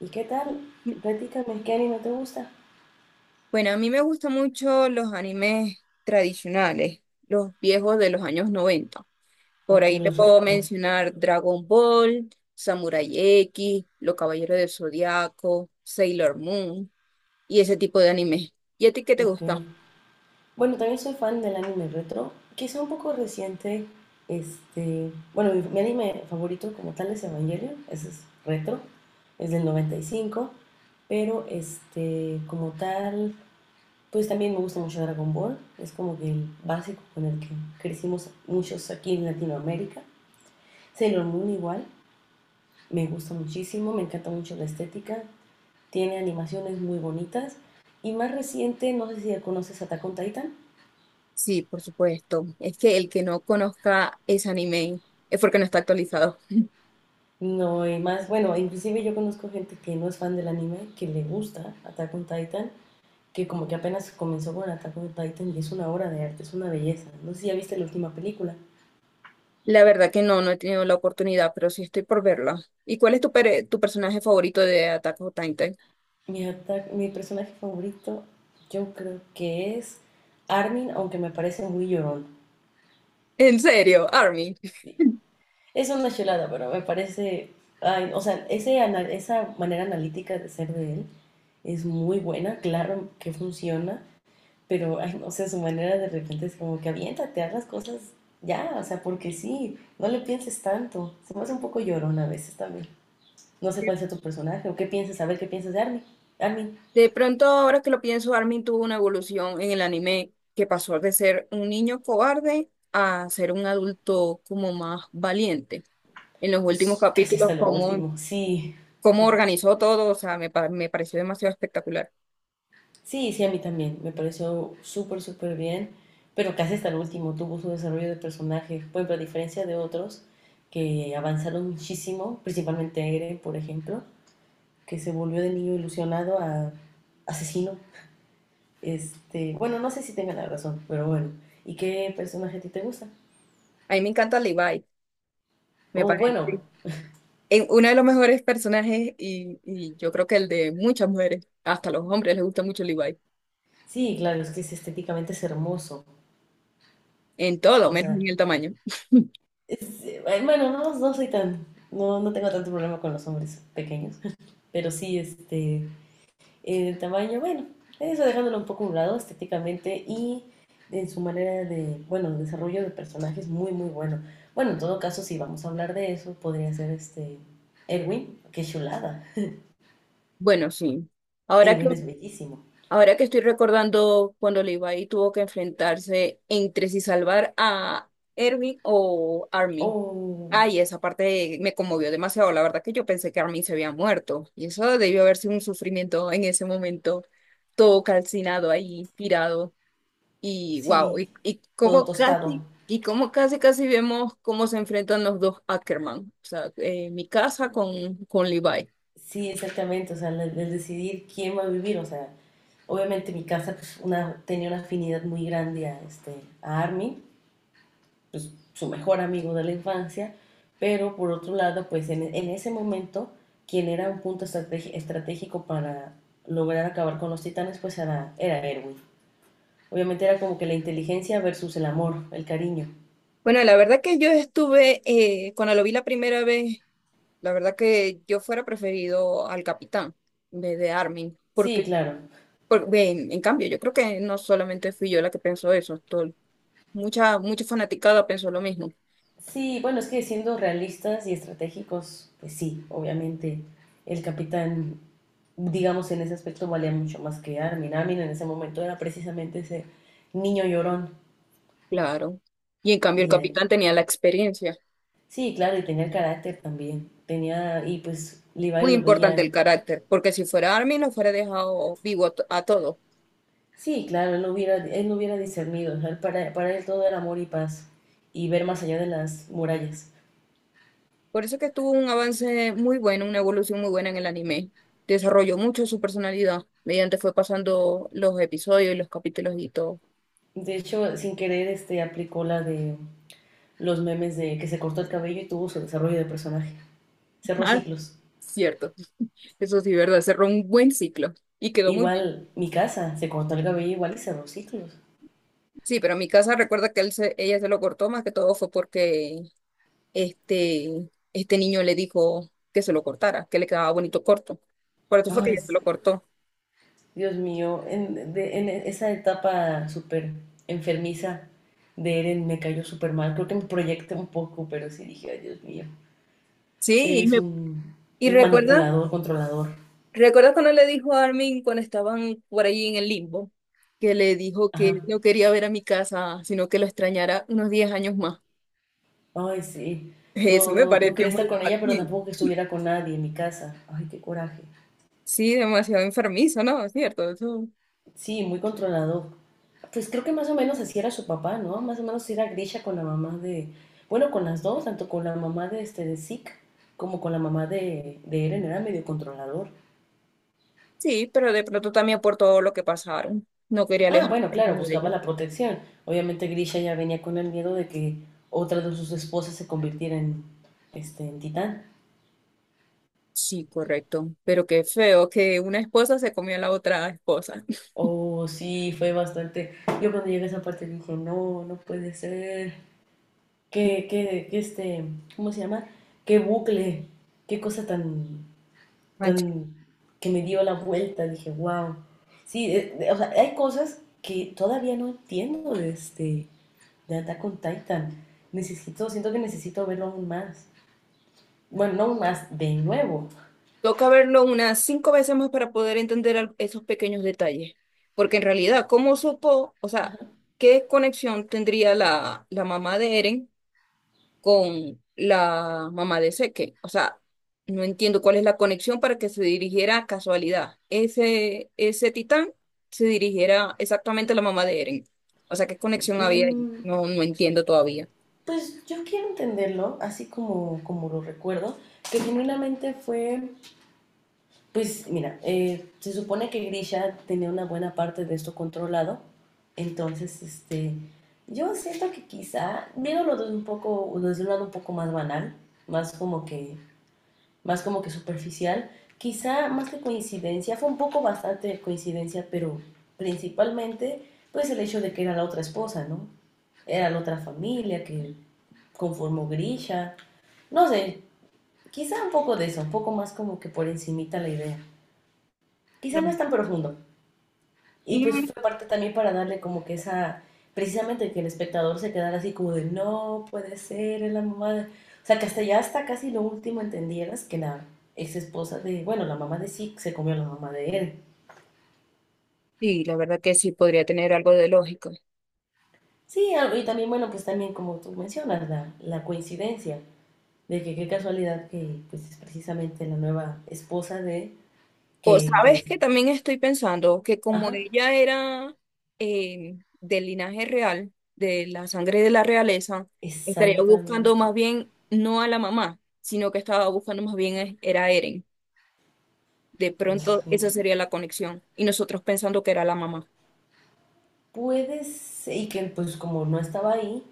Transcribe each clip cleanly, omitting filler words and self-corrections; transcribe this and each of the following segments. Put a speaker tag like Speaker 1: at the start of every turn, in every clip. Speaker 1: ¿Y qué tal? Platícame, ¿qué anime te gusta?
Speaker 2: Bueno, a mí me gustan mucho los animes tradicionales, los viejos de los años 90. Por
Speaker 1: Ok,
Speaker 2: ahí te
Speaker 1: los
Speaker 2: puedo
Speaker 1: retro.
Speaker 2: mencionar Dragon Ball, Samurai X, Los Caballeros del Zodiaco, Sailor Moon y ese tipo de animes. ¿Y a ti qué te
Speaker 1: Ok.
Speaker 2: gusta?
Speaker 1: Bueno, también soy fan del anime retro, quizá un poco reciente. Bueno, mi anime favorito como tal es Evangelion, ese es retro, es del 95, pero como tal, pues también me gusta mucho Dragon Ball, es como que el básico con el que crecimos muchos aquí en Latinoamérica. Sailor Moon igual. Me gusta muchísimo, me encanta mucho la estética, tiene animaciones muy bonitas y más reciente, no sé si ya conoces Attack on Titan.
Speaker 2: Sí, por supuesto. Es que el que no conozca ese anime es porque no está actualizado.
Speaker 1: No, y más, bueno, inclusive yo conozco gente que no es fan del anime, que le gusta Attack on Titan, que como que apenas comenzó con Attack on Titan y es una obra de arte, es una belleza. No sé si ya viste la última película.
Speaker 2: La verdad que no, no he tenido la oportunidad, pero sí estoy por verla. ¿Y cuál es tu personaje favorito de Attack on Titan?
Speaker 1: Mi personaje favorito yo creo que es Armin, aunque me parece muy llorón.
Speaker 2: ¿En serio, Armin?
Speaker 1: Es una chulada, pero me parece, ay, o sea, esa manera analítica de ser de él es muy buena, claro que funciona, pero, ay, no sé, su manera de repente es como que aviéntate, haz las cosas ya, o sea, porque sí, no le pienses tanto, se me hace un poco llorona a veces también. No sé
Speaker 2: De
Speaker 1: cuál sea tu personaje o qué piensas, a ver qué piensas de Armin. Armin,
Speaker 2: de pronto, ahora que lo pienso, Armin tuvo una evolución en el anime que pasó de ser un niño cobarde a ser un adulto como más valiente. En los últimos
Speaker 1: casi
Speaker 2: capítulos,
Speaker 1: hasta lo
Speaker 2: cómo,
Speaker 1: último, sí.
Speaker 2: cómo organizó todo, o sea, me pareció demasiado espectacular.
Speaker 1: Sí, sí, a mí también. Me pareció súper, súper bien. Pero casi hasta el último tuvo su desarrollo de personaje. Por ejemplo, a diferencia de otros que avanzaron muchísimo, principalmente Eren, por ejemplo, que se volvió de niño ilusionado a asesino. Bueno, no sé si tenga la razón, pero bueno. ¿Y qué personaje a ti te gusta?
Speaker 2: A mí me encanta Levi, me
Speaker 1: Oh,
Speaker 2: parece
Speaker 1: bueno,
Speaker 2: uno de los mejores personajes y yo creo que el de muchas mujeres, hasta los hombres les gusta mucho Levi,
Speaker 1: sí, claro, es que es estéticamente es hermoso.
Speaker 2: en todo,
Speaker 1: O
Speaker 2: menos
Speaker 1: sea,
Speaker 2: en el tamaño.
Speaker 1: bueno, no, no soy tan, no, no tengo tanto problema con los hombres pequeños. Pero sí, el tamaño, bueno, eso dejándolo un poco a un lado estéticamente y en su manera de, bueno, desarrollo de personajes muy, muy bueno. Bueno, en todo caso, si vamos a hablar de eso, podría ser Erwin, qué chulada.
Speaker 2: Bueno, sí. Ahora que
Speaker 1: Erwin es bellísimo.
Speaker 2: Ahora que estoy recordando cuando Levi tuvo que enfrentarse entre si salvar a Erwin o Armin.
Speaker 1: O
Speaker 2: Ay, esa parte me conmovió demasiado. La verdad que yo pensé que Armin se había muerto. Y eso debió haber sido un sufrimiento en ese momento, todo calcinado ahí, tirado. Y wow,
Speaker 1: sí,
Speaker 2: y
Speaker 1: todo
Speaker 2: como
Speaker 1: tostado.
Speaker 2: casi vemos cómo se enfrentan los dos Ackerman. O sea, mi casa con Levi.
Speaker 1: Sí, exactamente, o sea, el decidir quién va a vivir, o sea, obviamente mi casa pues, una, tenía una afinidad muy grande a Armin, pues, su mejor amigo de la infancia, pero por otro lado, pues en ese momento, quien era un punto estratégico para lograr acabar con los titanes, pues era Erwin. Obviamente era como que la inteligencia versus el amor, el cariño.
Speaker 2: Bueno, la verdad que yo estuve, cuando lo vi la primera vez. La verdad que yo fuera preferido al capitán en vez de Armin,
Speaker 1: Sí,
Speaker 2: porque,
Speaker 1: claro.
Speaker 2: ve, en cambio, yo creo que no solamente fui yo la que pensó eso, mucha, mucha fanaticada pensó lo mismo,
Speaker 1: Sí, bueno, es que siendo realistas y estratégicos, pues sí, obviamente el capitán, digamos, en ese aspecto valía mucho más que Armin. Armin en ese momento era precisamente ese niño llorón
Speaker 2: claro. Y en cambio el
Speaker 1: y
Speaker 2: capitán tenía la experiencia,
Speaker 1: sí, claro, y tenía el carácter también. Tenía, y pues Levi
Speaker 2: muy
Speaker 1: lo
Speaker 2: importante el
Speaker 1: veía.
Speaker 2: carácter, porque si fuera Armin lo fuera dejado vivo a todos.
Speaker 1: Sí, claro, él no hubiera discernido. O sea, él para él todo era amor y paz y ver más allá de las murallas.
Speaker 2: Por eso que tuvo un avance muy bueno, una evolución muy buena en el anime. Desarrolló mucho su personalidad mediante fue pasando los episodios y los capítulos y todo.
Speaker 1: De hecho, sin querer, aplicó la de los memes de que se cortó el cabello y tuvo su desarrollo de personaje. Cerró
Speaker 2: Ah,
Speaker 1: ciclos.
Speaker 2: cierto. Eso sí, verdad, cerró un buen ciclo y quedó muy bien.
Speaker 1: Igual mi casa, se cortó el cabello igual y cerró ciclos.
Speaker 2: Sí, pero en mi casa recuerda que ella se lo cortó más que todo fue porque este niño le dijo que se lo cortara, que le quedaba bonito corto. Por eso fue que
Speaker 1: Ay,
Speaker 2: ella se lo cortó.
Speaker 1: Dios mío, en esa etapa súper enfermiza de Eren me cayó súper mal. Creo que me proyecté un poco, pero sí dije, ay, Dios mío,
Speaker 2: Sí,
Speaker 1: eres un,
Speaker 2: y
Speaker 1: un
Speaker 2: recuerda,
Speaker 1: manipulador, controlador.
Speaker 2: recuerda cuando le dijo a Armin cuando estaban por ahí en el limbo, que le dijo que
Speaker 1: Ajá.
Speaker 2: no quería ver a mi casa, sino que lo extrañara unos 10 años más.
Speaker 1: Ay, sí.
Speaker 2: Eso
Speaker 1: No,
Speaker 2: me
Speaker 1: no, no
Speaker 2: pareció
Speaker 1: quería
Speaker 2: muy
Speaker 1: estar con ella, pero
Speaker 2: infantil.
Speaker 1: tampoco que estuviera con nadie en mi casa. Ay, qué coraje.
Speaker 2: Sí, demasiado enfermizo, ¿no? Es cierto, eso.
Speaker 1: Sí, muy controlador. Pues creo que más o menos así era su papá, ¿no? Más o menos así era Grisha con la mamá de... Bueno, con las dos, tanto con la mamá de Zeke como con la mamá de Eren, era medio controlador.
Speaker 2: Sí, pero de pronto también por todo lo que pasaron. No quería
Speaker 1: Ah,
Speaker 2: alejarme
Speaker 1: bueno,
Speaker 2: de
Speaker 1: claro,
Speaker 2: uno de
Speaker 1: buscaba
Speaker 2: ellos.
Speaker 1: la protección. Obviamente Grisha ya venía con el miedo de que otra de sus esposas se convirtiera en titán.
Speaker 2: Sí, correcto. Pero qué feo que una esposa se comió a la otra esposa.
Speaker 1: Oh, sí, fue bastante. Yo cuando llegué a esa parte dije, no, no puede ser. ¿Qué, qué, qué este, Cómo se llama? ¿Qué bucle? ¿Qué cosa tan,
Speaker 2: Mancha.
Speaker 1: tan, que me dio la vuelta? Dije, wow. Sí, o sea, hay cosas que todavía no entiendo de Attack on Titan. Necesito, siento que necesito verlo aún más. Bueno, no más de nuevo.
Speaker 2: Toca verlo unas 5 veces más para poder entender esos pequeños detalles. Porque en realidad, ¿cómo supo? O sea, ¿qué conexión tendría la mamá de Eren con la mamá de Seque? O sea, no entiendo cuál es la conexión para que se dirigiera a casualidad. Ese titán se dirigiera exactamente a la mamá de Eren. O sea, ¿qué conexión había ahí?
Speaker 1: Mm,
Speaker 2: No, no entiendo todavía.
Speaker 1: pues yo quiero entenderlo, así como, como lo recuerdo, que genuinamente fue, pues mira, se supone que Grisha tenía una buena parte de esto controlado, entonces, yo siento que quizá, viéndolo desde un poco, desde un lado un poco más banal, más como que más como que superficial. Quizá más que coincidencia, fue un poco bastante de coincidencia, pero principalmente pues el hecho de que era la otra esposa, ¿no? Era la otra familia que conformó Grisha. No sé, quizá un poco de eso, un poco más como que por encimita la idea. Quizá no es
Speaker 2: No.
Speaker 1: tan profundo, y pues
Speaker 2: Mm,
Speaker 1: fue parte también para darle como que esa, precisamente que el espectador se quedara así como de, no puede ser, es la mamá de... O sea, que hasta ya hasta casi lo último entendieras que la ex esposa de, bueno, la mamá de Zeke se comió a la mamá de él.
Speaker 2: sí, la verdad que sí podría tener algo de lógica.
Speaker 1: Sí, y también, bueno, pues también como tú mencionas, la coincidencia de que qué casualidad que pues es precisamente la nueva esposa de
Speaker 2: O
Speaker 1: que
Speaker 2: sabes
Speaker 1: pues,
Speaker 2: que también estoy pensando que como
Speaker 1: ajá,
Speaker 2: ella era del linaje real, de la sangre de la realeza, estaría buscando
Speaker 1: exactamente.
Speaker 2: más bien no a la mamá, sino que estaba buscando más bien era a Eren. De
Speaker 1: Ok.
Speaker 2: pronto esa sería la conexión y nosotros pensando que era la mamá.
Speaker 1: Puede ser, y que pues como no estaba ahí,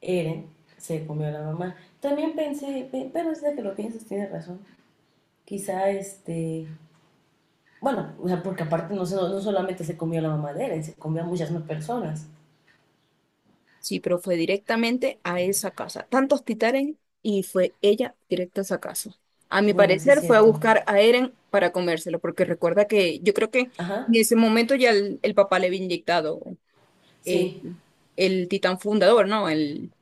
Speaker 1: Eren se comió a la mamá. También pensé, pero es de que lo piensas, tienes razón. Quizá. Bueno, o sea, porque aparte no, no solamente se comió a la mamá de Eren, se comió a muchas más personas.
Speaker 2: Sí, pero fue directamente a esa casa. Tantos titanes y fue ella directa a esa casa. A mi
Speaker 1: Bueno, sí es
Speaker 2: parecer fue a
Speaker 1: cierto.
Speaker 2: buscar a Eren para comérselo, porque recuerda que yo creo que en
Speaker 1: Ajá,
Speaker 2: ese momento ya el papá le había inyectado eh,
Speaker 1: sí.
Speaker 2: el titán fundador, ¿no? El,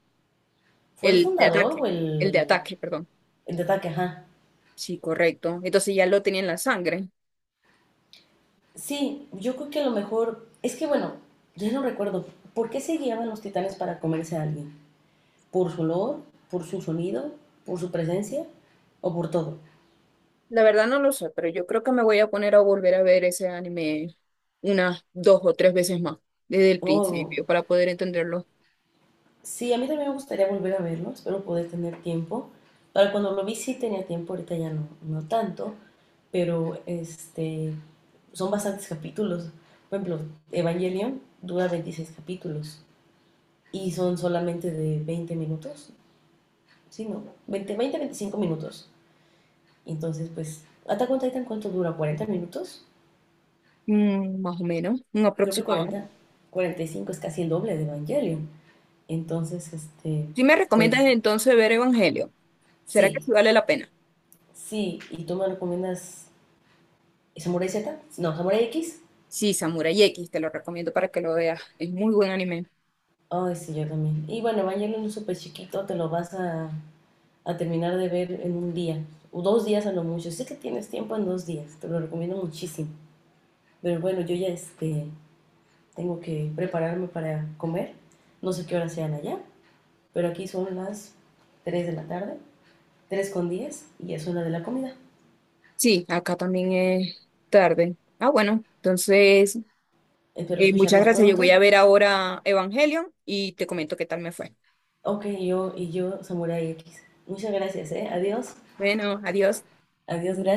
Speaker 1: ¿Fue el
Speaker 2: el de
Speaker 1: fundador o
Speaker 2: ataque. El de
Speaker 1: el,
Speaker 2: ataque, perdón.
Speaker 1: el de ataque? Ajá.
Speaker 2: Sí, correcto. Entonces ya lo tenía en la sangre.
Speaker 1: Sí, yo creo que a lo mejor. Es que bueno, ya no recuerdo. ¿Por qué se guiaban los titanes para comerse a alguien? ¿Por su olor? ¿Por su sonido? ¿Por su presencia? ¿O por todo?
Speaker 2: La verdad no lo sé, pero yo creo que me voy a poner a volver a ver ese anime unas 2 o 3 veces más desde el
Speaker 1: Oh,
Speaker 2: principio para poder entenderlo.
Speaker 1: sí, a mí también me gustaría volver a verlo, espero poder tener tiempo. Para cuando lo vi sí tenía tiempo, ahorita ya no, no tanto, pero son bastantes capítulos. Por ejemplo, Evangelion dura 26 capítulos y son solamente de 20 minutos, sí, ¿no? 20 20, 25 minutos. Entonces, pues, ¿Attack on Titan cuánto dura? ¿40 minutos?
Speaker 2: Más o menos, un
Speaker 1: Creo que
Speaker 2: aproximado.
Speaker 1: cuarenta y cinco es casi el doble de Evangelion. Entonces,
Speaker 2: Si me recomiendas
Speaker 1: pues,
Speaker 2: entonces ver Evangelio, ¿será que
Speaker 1: sí,
Speaker 2: sí vale la pena?
Speaker 1: sí, y tú me recomiendas ¿Samurai Z? No, Samurai X.
Speaker 2: Sí, Samurai X, te lo recomiendo para que lo veas. Es muy buen anime.
Speaker 1: Ay, sí, yo también. Y bueno, Evangelion es súper chiquito, te lo vas a terminar de ver en un día, o 2 días a lo mucho. Sé que tienes tiempo en 2 días, te lo recomiendo muchísimo. Pero bueno, yo ya tengo que prepararme para comer. No sé qué hora sean allá, pero aquí son las 3 de la tarde, 3:10 y es hora de la comida.
Speaker 2: Sí, acá también es tarde. Ah, bueno, entonces,
Speaker 1: Espero
Speaker 2: muchas
Speaker 1: escucharnos
Speaker 2: gracias. Yo
Speaker 1: pronto.
Speaker 2: voy a ver ahora Evangelion y te comento qué tal me fue.
Speaker 1: Ok, yo y yo, Samurai X. Muchas gracias, ¿eh? Adiós.
Speaker 2: Bueno, adiós.
Speaker 1: Adiós, gracias.